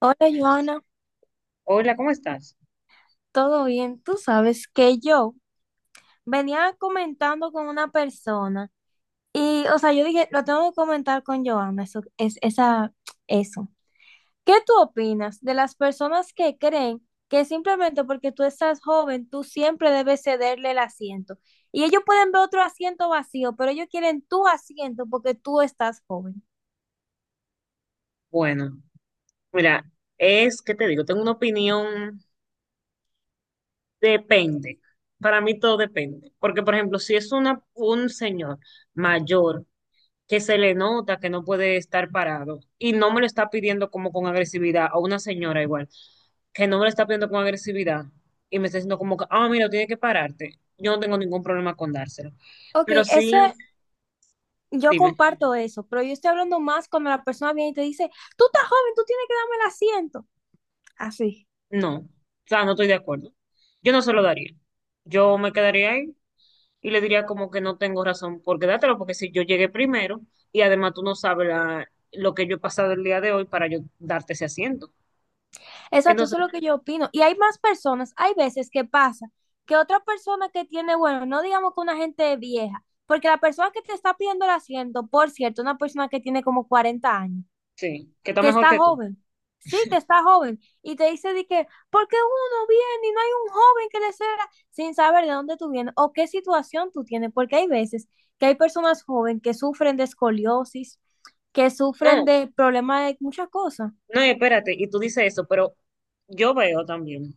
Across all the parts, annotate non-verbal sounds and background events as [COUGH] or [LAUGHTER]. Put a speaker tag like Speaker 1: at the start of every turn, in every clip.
Speaker 1: Hola Joana,
Speaker 2: Hola, ¿cómo estás?
Speaker 1: ¿todo bien? Tú sabes que yo venía comentando con una persona y, o sea, yo dije, lo tengo que comentar con Joana, eso. ¿Qué tú opinas de las personas que creen que simplemente porque tú estás joven, tú siempre debes cederle el asiento? Y ellos pueden ver otro asiento vacío, pero ellos quieren tu asiento porque tú estás joven.
Speaker 2: Bueno, mira, es que te digo, tengo una opinión, depende. Para mí todo depende. Porque, por ejemplo, si es un señor mayor que se le nota que no puede estar parado y no me lo está pidiendo como con agresividad, o una señora igual, que no me lo está pidiendo con agresividad y me está diciendo como que, ah, mira, tiene que pararte. Yo no tengo ningún problema con dárselo.
Speaker 1: Ok,
Speaker 2: Pero
Speaker 1: eso,
Speaker 2: sí,
Speaker 1: yo
Speaker 2: dime,
Speaker 1: comparto eso, pero yo estoy hablando más cuando la persona viene y te dice, tú estás joven, tú tienes que darme el asiento. Así.
Speaker 2: no, o sea, no estoy de acuerdo. Yo no se lo daría. Yo me quedaría ahí y le diría como que no tengo razón por quedártelo, porque si yo llegué primero y además tú no sabes lo que yo he pasado el día de hoy para yo darte ese asiento.
Speaker 1: Exacto, eso es
Speaker 2: Entonces,
Speaker 1: lo que yo opino. Y hay más personas, hay veces que pasa que otra persona que tiene, bueno, no digamos que una gente vieja, porque la persona que te está pidiendo el asiento, por cierto, una persona que tiene como 40 años,
Speaker 2: sí, que está
Speaker 1: que
Speaker 2: mejor
Speaker 1: está
Speaker 2: que tú.
Speaker 1: joven, sí, que está joven, y te dice de que, ¿por qué uno viene y no hay un joven que le ceda sin saber de dónde tú vienes o qué situación tú tienes? Porque hay veces que hay personas jóvenes que sufren de escoliosis, que sufren
Speaker 2: No,
Speaker 1: de problemas de muchas cosas,
Speaker 2: no, y espérate, y tú dices eso, pero yo veo también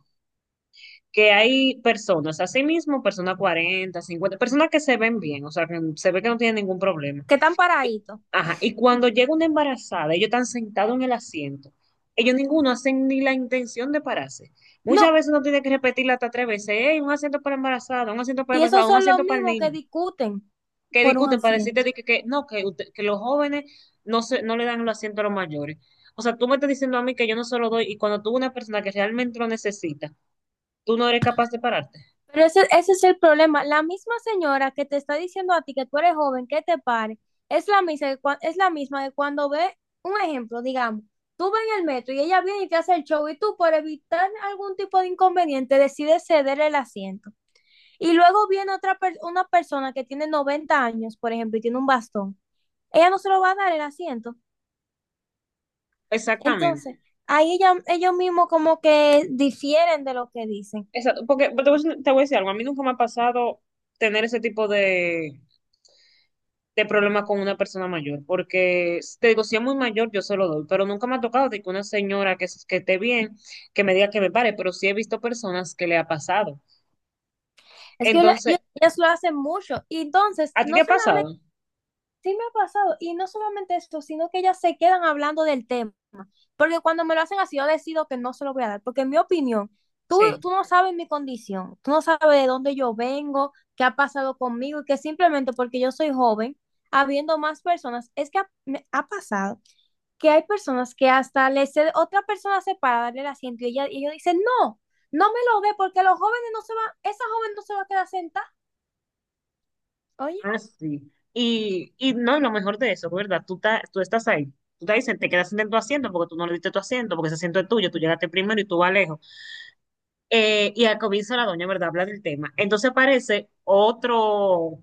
Speaker 2: que hay personas, así mismo, personas 40 50 personas que se ven bien, o sea, que se ve que no tienen ningún problema.
Speaker 1: que están
Speaker 2: Y-
Speaker 1: paraditos.
Speaker 2: Ajá, y cuando llega una embarazada, ellos están sentados en el asiento. Ellos ninguno hacen ni la intención de pararse.
Speaker 1: No,
Speaker 2: Muchas veces uno tiene que repetirla hasta tres veces. Hey, un asiento para embarazada, un asiento para
Speaker 1: y esos
Speaker 2: embarazada, un
Speaker 1: son los
Speaker 2: asiento para el
Speaker 1: mismos que
Speaker 2: niño.
Speaker 1: discuten
Speaker 2: Que
Speaker 1: por un
Speaker 2: discuten para decirte
Speaker 1: asiento.
Speaker 2: de que no, que, que los jóvenes no le dan los asientos a los mayores. O sea, tú me estás diciendo a mí que yo no se lo doy y cuando tú una persona que realmente lo necesita, tú no eres capaz de pararte.
Speaker 1: Pero ese es el problema. La misma señora que te está diciendo a ti que tú eres joven, que te pare, es la misma, es la misma que cuando ve un ejemplo, digamos, tú vas en el metro y ella viene y te hace el show y tú por evitar algún tipo de inconveniente decides ceder el asiento. Y luego viene una persona que tiene 90 años, por ejemplo, y tiene un bastón. Ella no se lo va a dar el asiento.
Speaker 2: Exactamente.
Speaker 1: Entonces, ellos mismos como que difieren de lo que dicen.
Speaker 2: Exacto. Porque te voy a decir algo. A mí nunca me ha pasado tener ese tipo de problema con una persona mayor, porque te digo, si es muy mayor, yo se lo doy, pero nunca me ha tocado de que una señora que esté bien, que me diga que me pare, pero sí he visto personas que le ha pasado. Entonces,
Speaker 1: Ellos, ellas lo hacen mucho. Y entonces,
Speaker 2: ¿a ti te
Speaker 1: no
Speaker 2: ha
Speaker 1: solamente,
Speaker 2: pasado?
Speaker 1: sí me ha pasado, y no solamente esto, sino que ellas se quedan hablando del tema. Porque cuando me lo hacen así, yo decido que no se lo voy a dar. Porque en mi opinión, tú,
Speaker 2: Sí.
Speaker 1: tú no sabes mi condición, tú no sabes de dónde yo vengo, qué ha pasado conmigo, y que simplemente porque yo soy joven, habiendo más personas, me ha pasado que hay personas que hasta le cede, otra persona se para darle el asiento y ella, y ellos dicen, no, no me lo dé porque los jóvenes no se van, esa joven no se va a quedar sentada. Oye,
Speaker 2: Ah, sí. No, lo mejor de eso, ¿verdad? Tú, tú estás ahí. Tú te dicen, te quedas en tu asiento porque tú no le diste tu asiento, porque ese asiento es tuyo, tú llegaste primero y tú vas lejos. Y al comienzo la doña, ¿verdad? Habla del tema. Entonces aparece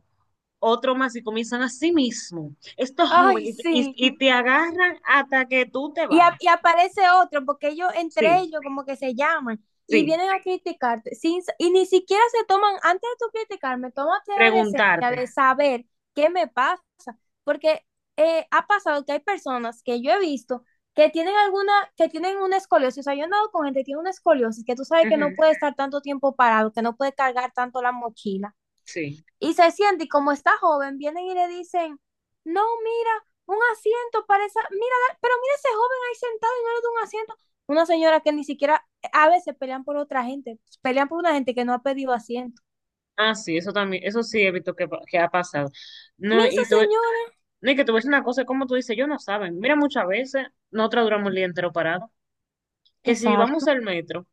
Speaker 2: otro más y comienzan a sí mismo. Estos
Speaker 1: ay,
Speaker 2: jóvenes, y,
Speaker 1: sí.
Speaker 2: y, y te agarran hasta que tú te
Speaker 1: Y, a-
Speaker 2: bajas.
Speaker 1: y aparece otro porque ellos entre
Speaker 2: Sí,
Speaker 1: ellos como que se llaman y
Speaker 2: sí,
Speaker 1: vienen a criticarte sin, y ni siquiera se toman, antes de tú criticarme, tómate la decencia
Speaker 2: preguntarte.
Speaker 1: de saber qué me pasa. Porque ha pasado que hay personas que yo he visto que tienen alguna, que tienen una escoliosis, o sea, yo he andado con gente que tiene una escoliosis, que tú sabes que no
Speaker 2: Ujú,
Speaker 1: puede estar tanto tiempo parado, que no puede cargar tanto la mochila,
Speaker 2: sí.
Speaker 1: y se siente, y como está joven, vienen y le dicen, no, mira, un asiento para esa, mira, pero mira ese joven ahí sentado y no le da un asiento. Una señora que ni siquiera, a veces pelean por otra gente, pelean por una gente que no ha pedido asiento.
Speaker 2: Ah, sí, eso también, eso sí he visto que, que ha pasado. No,
Speaker 1: Mira esa
Speaker 2: y tú,
Speaker 1: señora.
Speaker 2: no, y que tú ves una cosa, como tú dices, yo no saben. Mira, muchas veces nosotros duramos el día entero parado. Que si vamos
Speaker 1: Exacto.
Speaker 2: al metro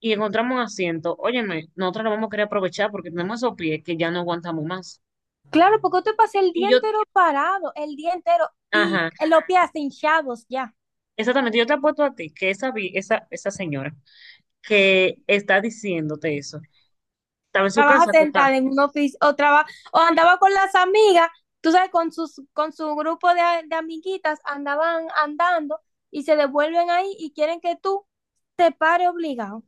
Speaker 2: y encontramos un asiento, óyeme, nosotros lo vamos a querer aprovechar porque tenemos esos pies que ya no aguantamos más.
Speaker 1: Claro, porque te pasé el
Speaker 2: Y
Speaker 1: día
Speaker 2: yo,
Speaker 1: entero parado, el día entero, y
Speaker 2: ajá,
Speaker 1: los pies hasta hinchados ya.
Speaker 2: exactamente, yo te apuesto a ti que esa señora que está diciéndote eso. Estaba en su
Speaker 1: Trabaja
Speaker 2: casa, acostada.
Speaker 1: sentada en un oficio, o andaba con las amigas, tú sabes, con su grupo de amiguitas, andaban andando y se devuelven ahí y quieren que tú te pare obligado.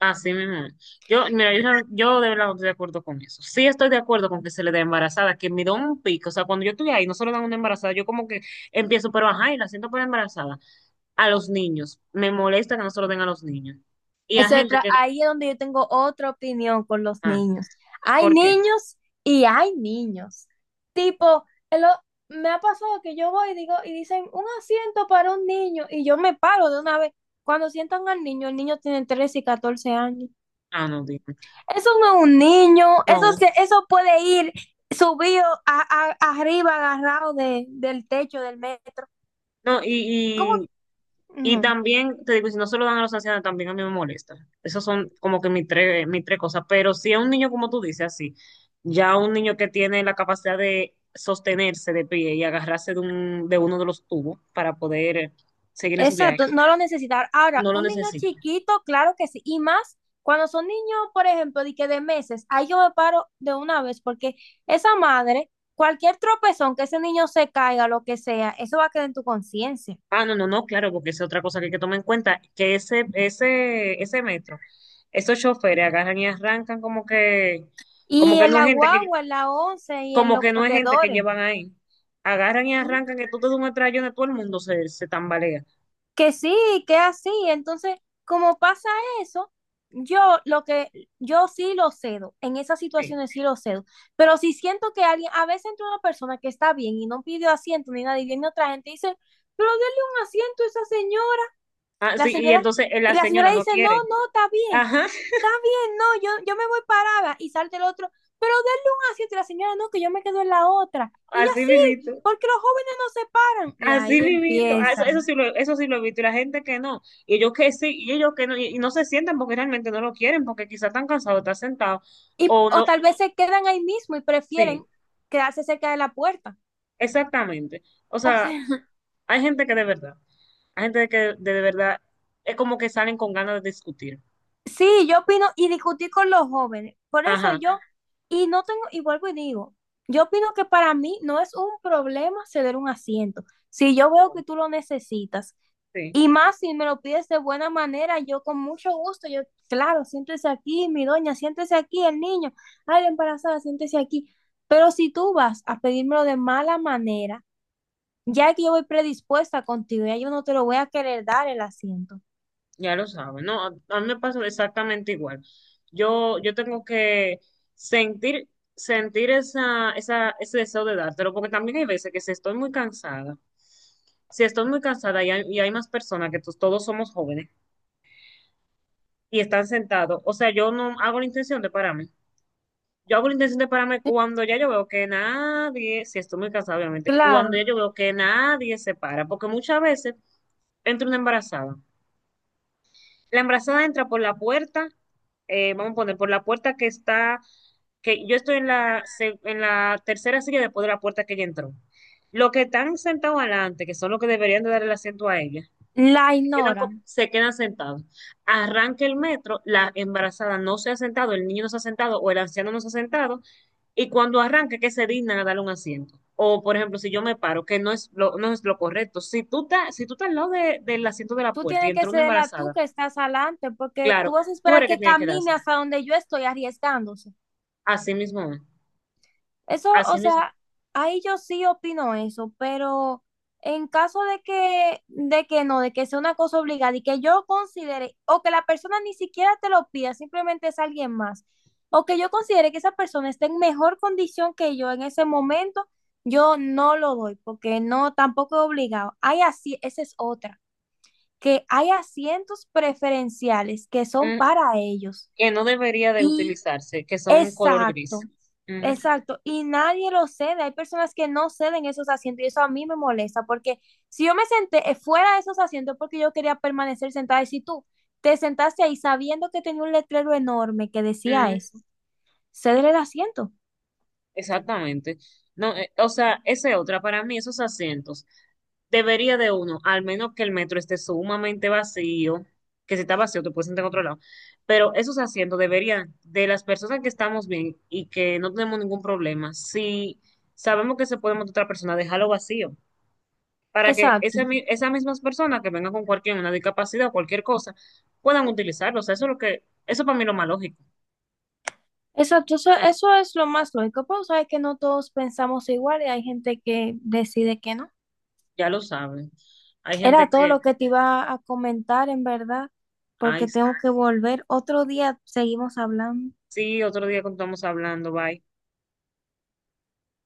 Speaker 2: Así mismo. Yo, mira, yo, yo de verdad no estoy de acuerdo con eso. Sí estoy de acuerdo con que se le dé embarazada, que me da un pico. O sea, cuando yo estoy ahí, no se le dan una embarazada. Yo como que empiezo, pero ajá, y la siento por embarazada. A los niños. Me molesta que no se lo den a los niños. Y a gente que...
Speaker 1: Ahí es donde yo tengo otra opinión con los
Speaker 2: Ah,
Speaker 1: niños. Hay
Speaker 2: ¿por qué?
Speaker 1: niños y hay niños. Tipo, el o- me ha pasado que yo voy y digo, y dicen un asiento para un niño, y yo me paro de una vez. Cuando sientan al niño, el niño tiene 13 y 14 años.
Speaker 2: Ah, no, dime.
Speaker 1: Eso no es un niño,
Speaker 2: No,
Speaker 1: eso puede ir subido arriba, agarrado de, del techo del metro.
Speaker 2: no,
Speaker 1: ¿Cómo?
Speaker 2: y, y
Speaker 1: No.
Speaker 2: también, te digo, y si no se lo dan a los ancianos, también a mí me molesta. Esas son como que mis tres cosas. Pero si a un niño, como tú dices, así, ya un niño que tiene la capacidad de sostenerse de pie y agarrarse de uno de los tubos para poder seguir en su viaje,
Speaker 1: Exacto, no lo necesitar. Ahora,
Speaker 2: no lo
Speaker 1: un niño
Speaker 2: necesita.
Speaker 1: chiquito, claro que sí. Y más cuando son niños, por ejemplo, de meses, ahí yo me paro de una vez, porque esa madre, cualquier tropezón que ese niño se caiga, lo que sea, eso va a quedar en tu conciencia.
Speaker 2: Ah, no, no, no, claro, porque esa es otra cosa que hay que tomar en cuenta, que ese metro, esos choferes agarran y arrancan como
Speaker 1: Y
Speaker 2: que
Speaker 1: en
Speaker 2: no
Speaker 1: la
Speaker 2: es gente que
Speaker 1: guagua, en la once y en
Speaker 2: como
Speaker 1: los
Speaker 2: que no es gente que
Speaker 1: corredores.
Speaker 2: llevan ahí. Agarran y arrancan, que tú te das un estrellón de todo el mundo se tambalea.
Speaker 1: Que sí, que así. Entonces, como pasa eso, yo lo que yo sí lo cedo, en esas
Speaker 2: Sí.
Speaker 1: situaciones sí lo cedo, pero si siento que alguien, a veces entre una persona que está bien y no pidió asiento ni nada y viene otra gente y dice, pero denle un asiento a esa señora.
Speaker 2: Ah,
Speaker 1: La
Speaker 2: sí, y
Speaker 1: señora
Speaker 2: entonces
Speaker 1: y
Speaker 2: la
Speaker 1: la
Speaker 2: señora
Speaker 1: señora
Speaker 2: no
Speaker 1: dice, "No,
Speaker 2: quiere.
Speaker 1: no, está bien.
Speaker 2: Ajá, [LAUGHS]
Speaker 1: Está bien, no, yo me voy parada." Y salta el otro, "Pero denle un asiento." Y la señora, "No, que yo me quedo en la otra." Y ella
Speaker 2: así mismito.
Speaker 1: sí, porque los jóvenes no se paran. Y ahí
Speaker 2: Así
Speaker 1: [LAUGHS]
Speaker 2: mismito. Ah, eso,
Speaker 1: empieza.
Speaker 2: eso sí lo he visto. Y la gente que no. Y ellos que sí, y ellos que no. Y no se sientan porque realmente no lo quieren, porque quizás están cansados, están sentados.
Speaker 1: Y,
Speaker 2: O
Speaker 1: o
Speaker 2: no.
Speaker 1: tal vez se quedan ahí mismo y prefieren
Speaker 2: Sí,
Speaker 1: quedarse cerca de la puerta.
Speaker 2: exactamente. O
Speaker 1: O
Speaker 2: sea,
Speaker 1: sea, [LAUGHS]
Speaker 2: hay gente que de verdad. Hay gente que de verdad es como que salen con ganas de discutir.
Speaker 1: sí, yo opino y discutí con los jóvenes. Por eso
Speaker 2: Ajá.
Speaker 1: yo, y no tengo, y vuelvo y digo, yo opino que para mí no es un problema ceder un asiento. Si yo veo
Speaker 2: No,
Speaker 1: que tú lo necesitas,
Speaker 2: sí.
Speaker 1: y más si me lo pides de buena manera, yo con mucho gusto, yo, claro, siéntese aquí, mi doña, siéntese aquí, el niño, ay, la embarazada, siéntese aquí. Pero si tú vas a pedírmelo de mala manera, ya que yo voy predispuesta contigo, ya yo no te lo voy a querer dar el asiento.
Speaker 2: Ya lo saben, no, a mí me pasa exactamente igual. Yo tengo que sentir, sentir ese deseo de dártelo, porque también hay veces que si estoy muy cansada, si estoy muy cansada y hay más personas que todos somos jóvenes y están sentados, o sea, yo no hago la intención de pararme. Yo hago la intención de pararme cuando ya yo veo que nadie, si estoy muy cansada, obviamente, cuando
Speaker 1: Claro,
Speaker 2: ya yo veo que nadie se para, porque muchas veces entra una embarazada. La embarazada entra por la puerta, vamos a poner por la puerta que está, que yo estoy en en la tercera silla después de la puerta que ella entró. Los que están sentados adelante, que son los que deberían de dar el asiento a ella,
Speaker 1: la ignoran.
Speaker 2: se quedan sentados. Arranca el metro, la embarazada no se ha sentado, el niño no se ha sentado o el anciano no se ha sentado, y cuando arranque, que se dignan a darle un asiento. O, por ejemplo, si yo me paro, que no es lo correcto. Si tú estás al lado del asiento de la
Speaker 1: Tú
Speaker 2: puerta y
Speaker 1: tienes que
Speaker 2: entró una
Speaker 1: cederla tú
Speaker 2: embarazada.
Speaker 1: que estás adelante, porque tú
Speaker 2: Claro,
Speaker 1: vas a
Speaker 2: tú
Speaker 1: esperar
Speaker 2: eres que
Speaker 1: que
Speaker 2: tienes que
Speaker 1: camine
Speaker 2: darse.
Speaker 1: hasta donde yo estoy arriesgándose.
Speaker 2: Así mismo, es.
Speaker 1: Eso, o
Speaker 2: Así mismo.
Speaker 1: sea, ahí yo sí opino eso, pero en caso de que no, de que sea una cosa obligada y que yo considere, o que la persona ni siquiera te lo pida, simplemente es alguien más, o que yo considere que esa persona está en mejor condición que yo en ese momento, yo no lo doy, porque no, tampoco es obligado. Hay así, esa es otra, que hay asientos preferenciales que son
Speaker 2: Mm,
Speaker 1: para ellos.
Speaker 2: que no debería de utilizarse, que son color
Speaker 1: Exacto,
Speaker 2: gris. Ujú,
Speaker 1: exacto. Y nadie lo cede. Hay personas que no ceden esos asientos y eso a mí me molesta porque si yo me senté fuera de esos asientos porque yo quería permanecer sentada y si tú te sentaste ahí sabiendo que tenía un letrero enorme que decía
Speaker 2: ujú,
Speaker 1: eso, cédele el asiento.
Speaker 2: exactamente. No, o sea, esa es otra. Para mí, esos asientos, debería de uno, al menos que el metro esté sumamente vacío, que si está vacío te puedes sentar en otro lado. Pero esos asientos deberían, de las personas que estamos bien y que no tenemos ningún problema, si sabemos que se puede montar otra persona, dejarlo vacío. Para que
Speaker 1: Exacto,
Speaker 2: esas mismas personas que vengan con cualquier una discapacidad o cualquier cosa puedan utilizarlo, o sea eso es lo que, eso para mí es lo más lógico,
Speaker 1: exacto. Eso, eso es lo más lógico. Pero sabes que no todos pensamos igual y hay gente que decide que no.
Speaker 2: ya lo saben. Hay
Speaker 1: Era
Speaker 2: gente
Speaker 1: todo
Speaker 2: que,
Speaker 1: lo que te iba a comentar, en verdad,
Speaker 2: ay,
Speaker 1: porque tengo que volver. Otro día seguimos hablando.
Speaker 2: sí, otro día cuando estamos hablando, bye.